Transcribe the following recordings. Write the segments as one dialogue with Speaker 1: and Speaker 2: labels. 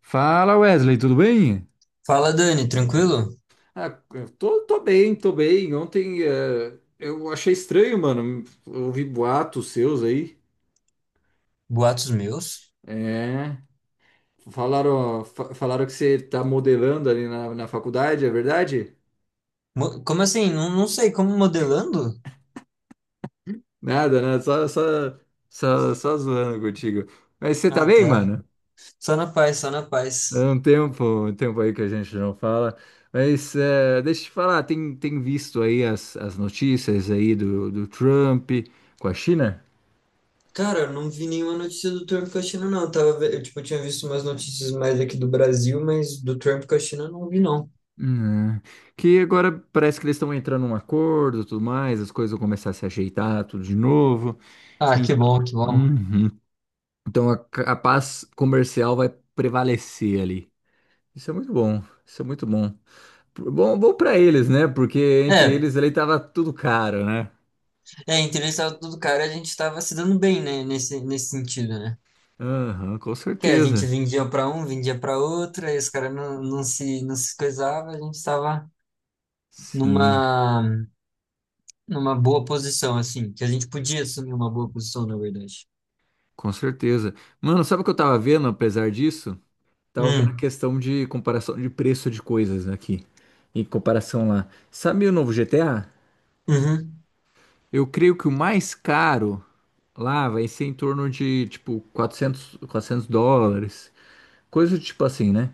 Speaker 1: Fala Wesley, tudo bem?
Speaker 2: Fala, Dani, tranquilo?
Speaker 1: Ah, eu tô bem, tô bem. Ontem eu achei estranho, mano. Eu ouvi boatos seus aí.
Speaker 2: Boatos meus?
Speaker 1: É. Falaram que você tá modelando ali na faculdade, é verdade?
Speaker 2: Como assim? Não, não sei, como modelando?
Speaker 1: Nada, né? Só zoando contigo. Mas você tá
Speaker 2: Ah,
Speaker 1: bem,
Speaker 2: tá.
Speaker 1: mano?
Speaker 2: Só na paz, só na
Speaker 1: É
Speaker 2: paz.
Speaker 1: um tempo aí que a gente não fala. Mas deixa eu te falar, tem visto aí as notícias aí do Trump com a China?
Speaker 2: Cara, eu não vi nenhuma notícia do Trump com a China, não. Eu, tipo, tinha visto umas notícias mais aqui do Brasil, mas do Trump com a China eu não vi, não.
Speaker 1: Hum, que agora parece que eles estão entrando num acordo, e tudo mais, as coisas vão começar a se ajeitar, tudo de novo.
Speaker 2: Ah,
Speaker 1: En-
Speaker 2: que bom, que bom.
Speaker 1: Uhum. Então a paz comercial vai prevalecer ali. Isso é muito bom, isso é muito bom. Bom para eles, né? Porque entre
Speaker 2: É,
Speaker 1: eles ali tava tudo caro, né?
Speaker 2: é, interessado do cara, a gente tava se dando bem, né, nesse sentido, né?
Speaker 1: Aham, com
Speaker 2: Que a
Speaker 1: certeza.
Speaker 2: gente vendia pra um, vendia pra outro, aí os caras não se coisavam, a gente tava numa
Speaker 1: Sim,
Speaker 2: numa boa posição, assim, que a gente podia assumir uma boa posição, na verdade.
Speaker 1: com certeza. Mano, sabe o que eu tava vendo, apesar disso? Tava vendo a
Speaker 2: Hum.
Speaker 1: questão de comparação de preço de coisas aqui, em comparação lá. Sabe o novo GTA?
Speaker 2: Uhum.
Speaker 1: Eu creio que o mais caro lá vai ser em torno de, tipo, quatrocentos dólares. Coisa do tipo assim, né?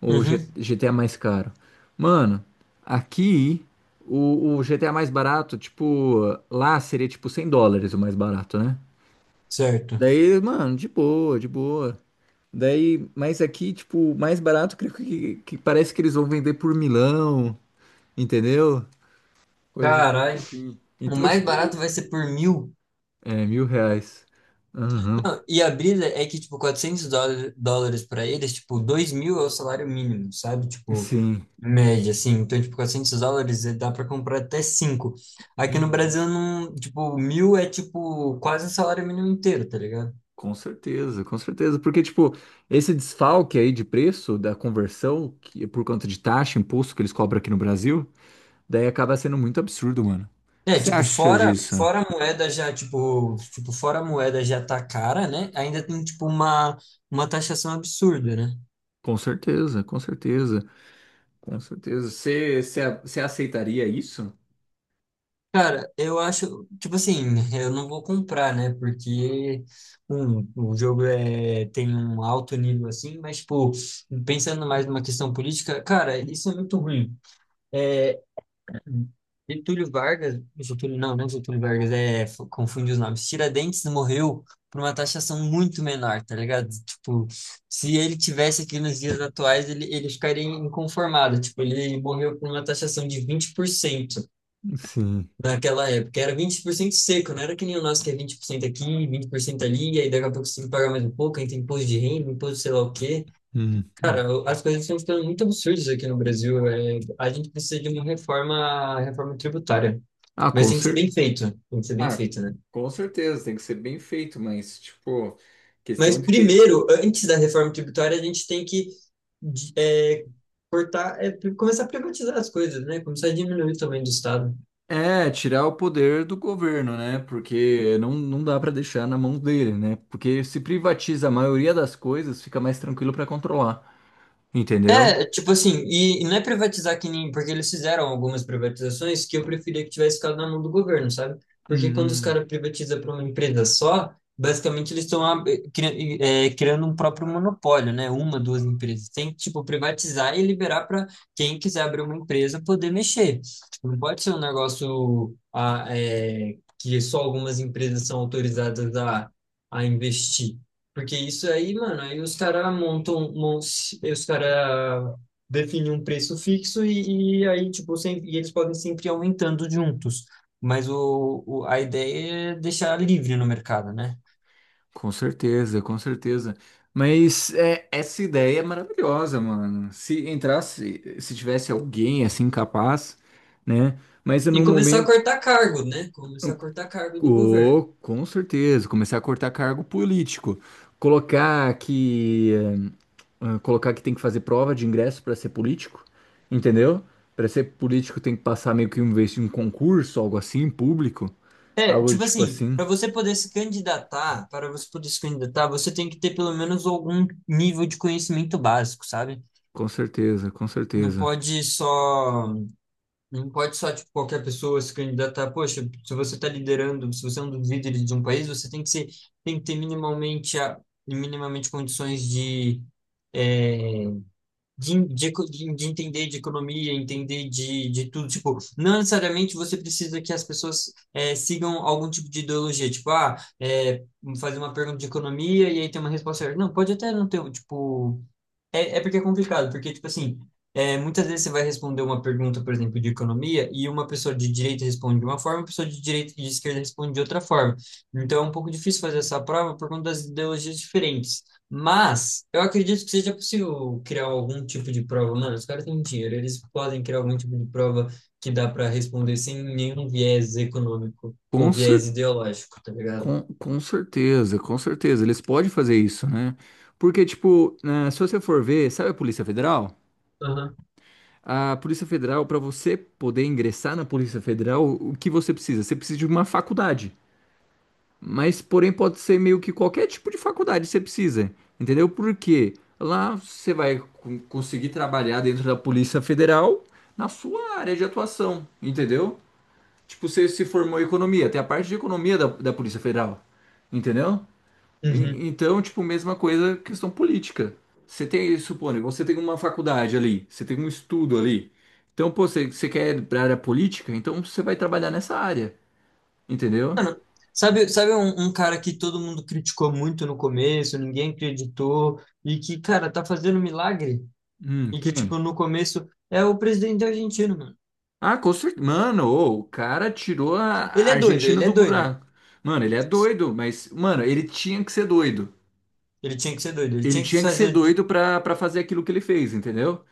Speaker 1: O
Speaker 2: Uhum.
Speaker 1: GTA mais caro. Mano, aqui o GTA mais barato, tipo, lá seria tipo US$ 100 o mais barato, né?
Speaker 2: Certo.
Speaker 1: Daí, mano, de boa, de boa. Daí, mas aqui, tipo, o mais barato, creio que parece que eles vão vender por milão, entendeu? Coisa do tipo
Speaker 2: Caralho,
Speaker 1: assim.
Speaker 2: o
Speaker 1: Então,
Speaker 2: mais barato
Speaker 1: tipo,
Speaker 2: vai ser por mil.
Speaker 1: é, R$ 1.000. Aham.
Speaker 2: Não, e a brisa é que, tipo, 400 dólares para eles, tipo, 2.000 é o salário mínimo, sabe? Tipo,
Speaker 1: Sim.
Speaker 2: média, assim. Então, tipo, 400 dólares dá para comprar até cinco. Aqui no
Speaker 1: Uhum.
Speaker 2: Brasil, não, tipo, mil é, tipo, quase o salário mínimo inteiro, tá ligado?
Speaker 1: Com certeza, com certeza. Porque, tipo, esse desfalque aí de preço da conversão, que é por conta de taxa, imposto que eles cobram aqui no Brasil, daí acaba sendo muito absurdo, mano. O que
Speaker 2: É,
Speaker 1: você
Speaker 2: tipo,
Speaker 1: acha
Speaker 2: fora,
Speaker 1: disso?
Speaker 2: fora a moeda já, tipo, fora a moeda já tá cara, né? Ainda tem, tipo, uma taxação absurda, né?
Speaker 1: Com certeza, com certeza, com certeza. Você aceitaria isso?
Speaker 2: Cara, eu acho, tipo assim, eu não vou comprar, né? Porque o jogo é, tem um alto nível assim, mas, tipo, pensando mais numa questão política, cara, isso é muito ruim. É. Hum. Getúlio Vargas, Getúlio, não, não é Getúlio Vargas, confundi os nomes. Tiradentes morreu por uma taxação muito menor, tá ligado? Tipo, se ele tivesse aqui nos dias atuais, ele ficaria inconformado. Tipo, ele morreu por uma taxação de 20%
Speaker 1: Sim.
Speaker 2: naquela época. Era 20% seco, não era que nem o nosso que é 20% aqui, 20% ali, e aí daqui a pouco você tem que pagar mais um pouco, aí tem imposto de renda, imposto sei lá o quê.
Speaker 1: Uhum.
Speaker 2: Cara, as coisas estão ficando muito absurdas aqui no Brasil. A gente precisa de uma reforma tributária.
Speaker 1: Ah,
Speaker 2: Mas
Speaker 1: com
Speaker 2: tem que ser
Speaker 1: cer...
Speaker 2: bem feito, tem que ser bem
Speaker 1: Ah,
Speaker 2: feito, né?
Speaker 1: com certeza, tem que ser bem feito, mas, tipo,
Speaker 2: Mas
Speaker 1: questão de que.
Speaker 2: primeiro, antes da reforma tributária, a gente tem que de- é, cortar, começar a privatizar as coisas, né? Começar a diminuir o tamanho do Estado.
Speaker 1: É, tirar o poder do governo, né? Porque não dá para deixar na mão dele, né? Porque se privatiza a maioria das coisas, fica mais tranquilo para controlar, entendeu?
Speaker 2: É, tipo assim, e não é privatizar que nem, porque eles fizeram algumas privatizações que eu preferia que tivesse ficado na mão do governo, sabe? Porque quando os
Speaker 1: Hum,
Speaker 2: caras privatizam para uma empresa só, basicamente eles estão criando um próprio monopólio, né? Uma, duas empresas. Tem que, tipo, privatizar e liberar para quem quiser abrir uma empresa poder mexer. Tipo, não pode ser um negócio que só algumas empresas são autorizadas a investir. Porque isso aí, mano, aí os caras montam, aí os caras definem um preço fixo e aí, tipo, sem, e eles podem sempre ir aumentando juntos. Mas a ideia é deixar livre no mercado, né?
Speaker 1: com certeza, com certeza. Mas é, essa ideia é maravilhosa, mano. Se entrasse, se tivesse alguém assim capaz, né? Mas
Speaker 2: E
Speaker 1: no
Speaker 2: começar a
Speaker 1: momento.
Speaker 2: cortar cargo, né? Começar a cortar cargo do governo.
Speaker 1: Oh, com certeza, começar a cortar cargo político, colocar que colocar que tem que fazer prova de ingresso para ser político, entendeu? Para ser político tem que passar meio que um vez em um concurso, algo assim, público,
Speaker 2: É,
Speaker 1: algo do
Speaker 2: tipo
Speaker 1: tipo
Speaker 2: assim,
Speaker 1: assim.
Speaker 2: para você poder se candidatar, para você poder se candidatar, você tem que ter pelo menos algum nível de conhecimento básico, sabe?
Speaker 1: Com certeza, com
Speaker 2: Não
Speaker 1: certeza.
Speaker 2: pode só não pode só, tipo, qualquer pessoa se candidatar. Poxa, se você está liderando, se você é um dos líderes de um país, você tem que ser, tem que ter minimamente, minimamente condições é, de entender de economia, entender de tudo. Tipo, não necessariamente você precisa que as pessoas sigam algum tipo de ideologia. Tipo, fazer uma pergunta de economia e aí ter uma resposta certa. Não, pode até não ter, tipo, é porque é complicado, porque, tipo assim, muitas vezes você vai responder uma pergunta, por exemplo, de economia, e uma pessoa de direita responde de uma forma, uma pessoa de direita e de esquerda responde de outra forma. Então é um pouco difícil fazer essa prova por conta das ideologias diferentes. Mas eu acredito que seja possível criar algum tipo de prova. Mano, os caras têm dinheiro, eles podem criar algum tipo de prova que dá para responder sem nenhum viés econômico
Speaker 1: Com
Speaker 2: ou
Speaker 1: cer
Speaker 2: viés ideológico, tá ligado?
Speaker 1: com certeza, com certeza, eles podem fazer isso, né? Porque tipo, se você for ver, sabe a Polícia Federal?
Speaker 2: Aham.
Speaker 1: A Polícia Federal, para você poder ingressar na Polícia Federal, o que você precisa? Você precisa de uma faculdade. Mas, porém, pode ser meio que qualquer tipo de faculdade você precisa. Entendeu? Porque lá você vai conseguir trabalhar dentro da Polícia Federal na sua área de atuação. Entendeu? Tipo, você se formou em economia, tem a parte de economia da Polícia Federal. Entendeu?
Speaker 2: Uhum.
Speaker 1: Então, tipo, mesma coisa, questão política. Você tem, suponho, você tem uma faculdade ali, você tem um estudo ali. Então, pô, você quer ir pra área política? Então você vai trabalhar nessa área, entendeu?
Speaker 2: Sabe, um cara que todo mundo criticou muito no começo, ninguém acreditou, e que, cara, tá fazendo um milagre? E que, tipo,
Speaker 1: Quem?
Speaker 2: no começo é o presidente argentino, mano.
Speaker 1: Ah, com certeza. Mano, ô, o cara tirou a
Speaker 2: Ele
Speaker 1: a
Speaker 2: é doido,
Speaker 1: Argentina
Speaker 2: ele é
Speaker 1: do
Speaker 2: doido.
Speaker 1: buraco. Mano, ele é
Speaker 2: Tipo, assim,
Speaker 1: doido, mas, mano, ele tinha que ser doido.
Speaker 2: ele tinha que ser doido, ele
Speaker 1: Ele
Speaker 2: tinha que
Speaker 1: tinha que ser
Speaker 2: fazer.
Speaker 1: doido pra fazer aquilo que ele fez, entendeu?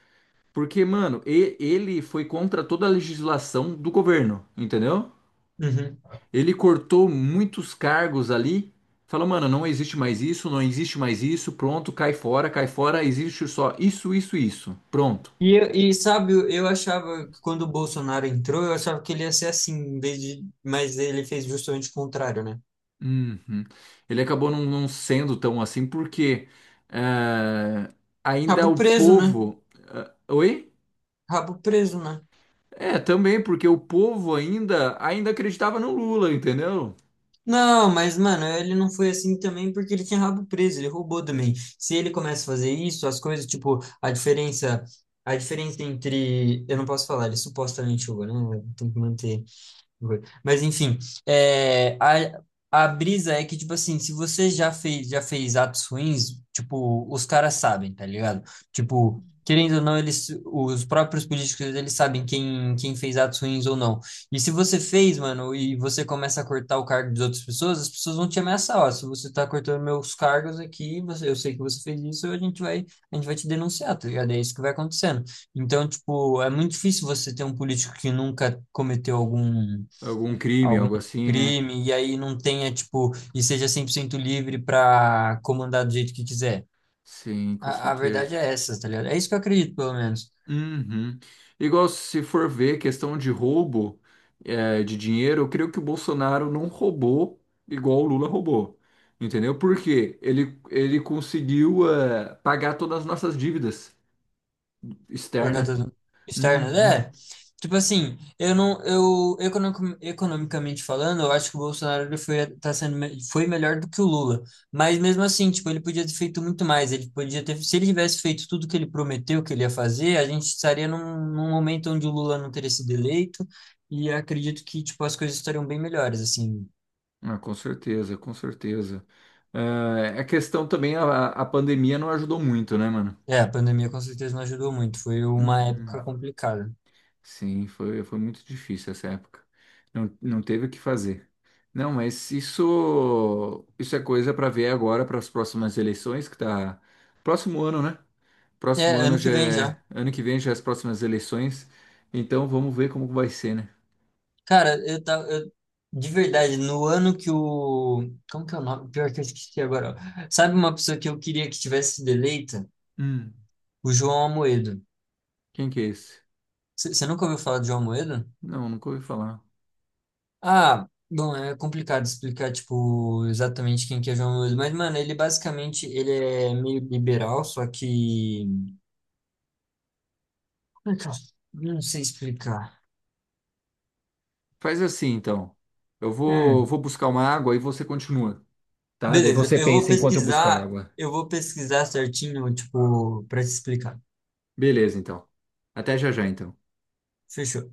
Speaker 1: Porque, mano, ele foi contra toda a legislação do governo, entendeu?
Speaker 2: Uhum.
Speaker 1: Ele cortou muitos cargos ali. Falou, mano, não existe mais isso, não existe mais isso, pronto, cai fora, existe só isso, isso, isso, pronto.
Speaker 2: E sabe, eu achava que quando o Bolsonaro entrou, eu achava que ele ia ser assim, em vez de... mas ele fez justamente o contrário, né?
Speaker 1: Uhum. Ele acabou não sendo tão assim, porque eh, ainda
Speaker 2: Rabo
Speaker 1: o
Speaker 2: preso, né?
Speaker 1: povo. Oi?
Speaker 2: Rabo preso, né?
Speaker 1: É, também, porque o povo ainda acreditava no Lula, entendeu?
Speaker 2: Não, mas, mano, ele não foi assim também porque ele tinha rabo preso, ele roubou também. Se ele começa a fazer isso, as coisas, tipo, a diferença entre, eu não posso falar, ele supostamente roubou, né? Tem que manter. Foi. Mas enfim, é, a, a brisa é que, tipo assim, se você já fez atos ruins, tipo, os caras sabem, tá ligado? Tipo, querendo ou não, eles, os próprios políticos, eles sabem quem fez atos ruins ou não. E se você fez, mano, e você começa a cortar o cargo das outras pessoas, as pessoas vão te ameaçar, ó, se você tá cortando meus cargos aqui, você, eu sei que você fez isso, a gente vai te denunciar, tá ligado? É isso que vai acontecendo. Então, tipo, é muito difícil você ter um político que nunca cometeu algum
Speaker 1: Algum crime,
Speaker 2: algum
Speaker 1: algo assim, né?
Speaker 2: crime e aí não tenha, tipo, e seja 100% livre para comandar do jeito que quiser.
Speaker 1: Sim, com
Speaker 2: A verdade
Speaker 1: certeza.
Speaker 2: é essa, tá ligado? É isso que eu acredito, pelo menos.
Speaker 1: Uhum. Igual se for ver questão de roubo é, de dinheiro, eu creio que o Bolsonaro não roubou igual o Lula roubou. Entendeu? Porque ele conseguiu é, pagar todas as nossas dívidas externas.
Speaker 2: Pagado externo,
Speaker 1: Uhum.
Speaker 2: é. Tipo assim, eu não, eu economic- economicamente falando, eu acho que o Bolsonaro ele foi tá sendo me- foi melhor do que o Lula, mas mesmo assim, tipo, ele podia ter feito muito mais, ele podia ter, se ele tivesse feito tudo que ele prometeu que ele ia fazer, a gente estaria num momento onde o Lula não teria sido eleito e acredito que tipo as coisas estariam bem melhores, assim.
Speaker 1: Ah, com certeza, com certeza. É, a questão também, a pandemia não ajudou muito, né, mano?
Speaker 2: É, a pandemia com certeza não ajudou muito, foi uma
Speaker 1: Uhum.
Speaker 2: época complicada.
Speaker 1: Sim, foi muito difícil essa época. Não teve o que fazer. Não, mas isso, é coisa para ver agora para as próximas eleições, que tá próximo ano, né? Próximo
Speaker 2: É,
Speaker 1: ano
Speaker 2: ano que
Speaker 1: já
Speaker 2: vem já.
Speaker 1: é, ano que vem já é as próximas eleições. Então vamos ver como vai ser, né?
Speaker 2: Cara, de verdade, no ano que o. Como que é o nome? Pior que eu esqueci agora. Ó. Sabe uma pessoa que eu queria que tivesse sido eleita?
Speaker 1: Hum,
Speaker 2: O João Amoedo.
Speaker 1: quem que é esse?
Speaker 2: Você nunca ouviu falar de João Amoedo?
Speaker 1: Não, nunca ouvi falar.
Speaker 2: Ah, bom, é complicado explicar, tipo, exatamente quem que é João Amoedo. Mas, mano, ele basicamente ele é meio liberal, só que. Como é que eu- Não sei explicar.
Speaker 1: Faz assim, então. Eu vou,
Speaker 2: Hum.
Speaker 1: vou buscar uma água e você continua, tá? Daí
Speaker 2: Beleza,
Speaker 1: você
Speaker 2: eu vou
Speaker 1: pensa enquanto eu buscar
Speaker 2: pesquisar.
Speaker 1: água.
Speaker 2: Eu vou pesquisar certinho, tipo, pra te explicar.
Speaker 1: Beleza, então. Até já já, então.
Speaker 2: Fechou.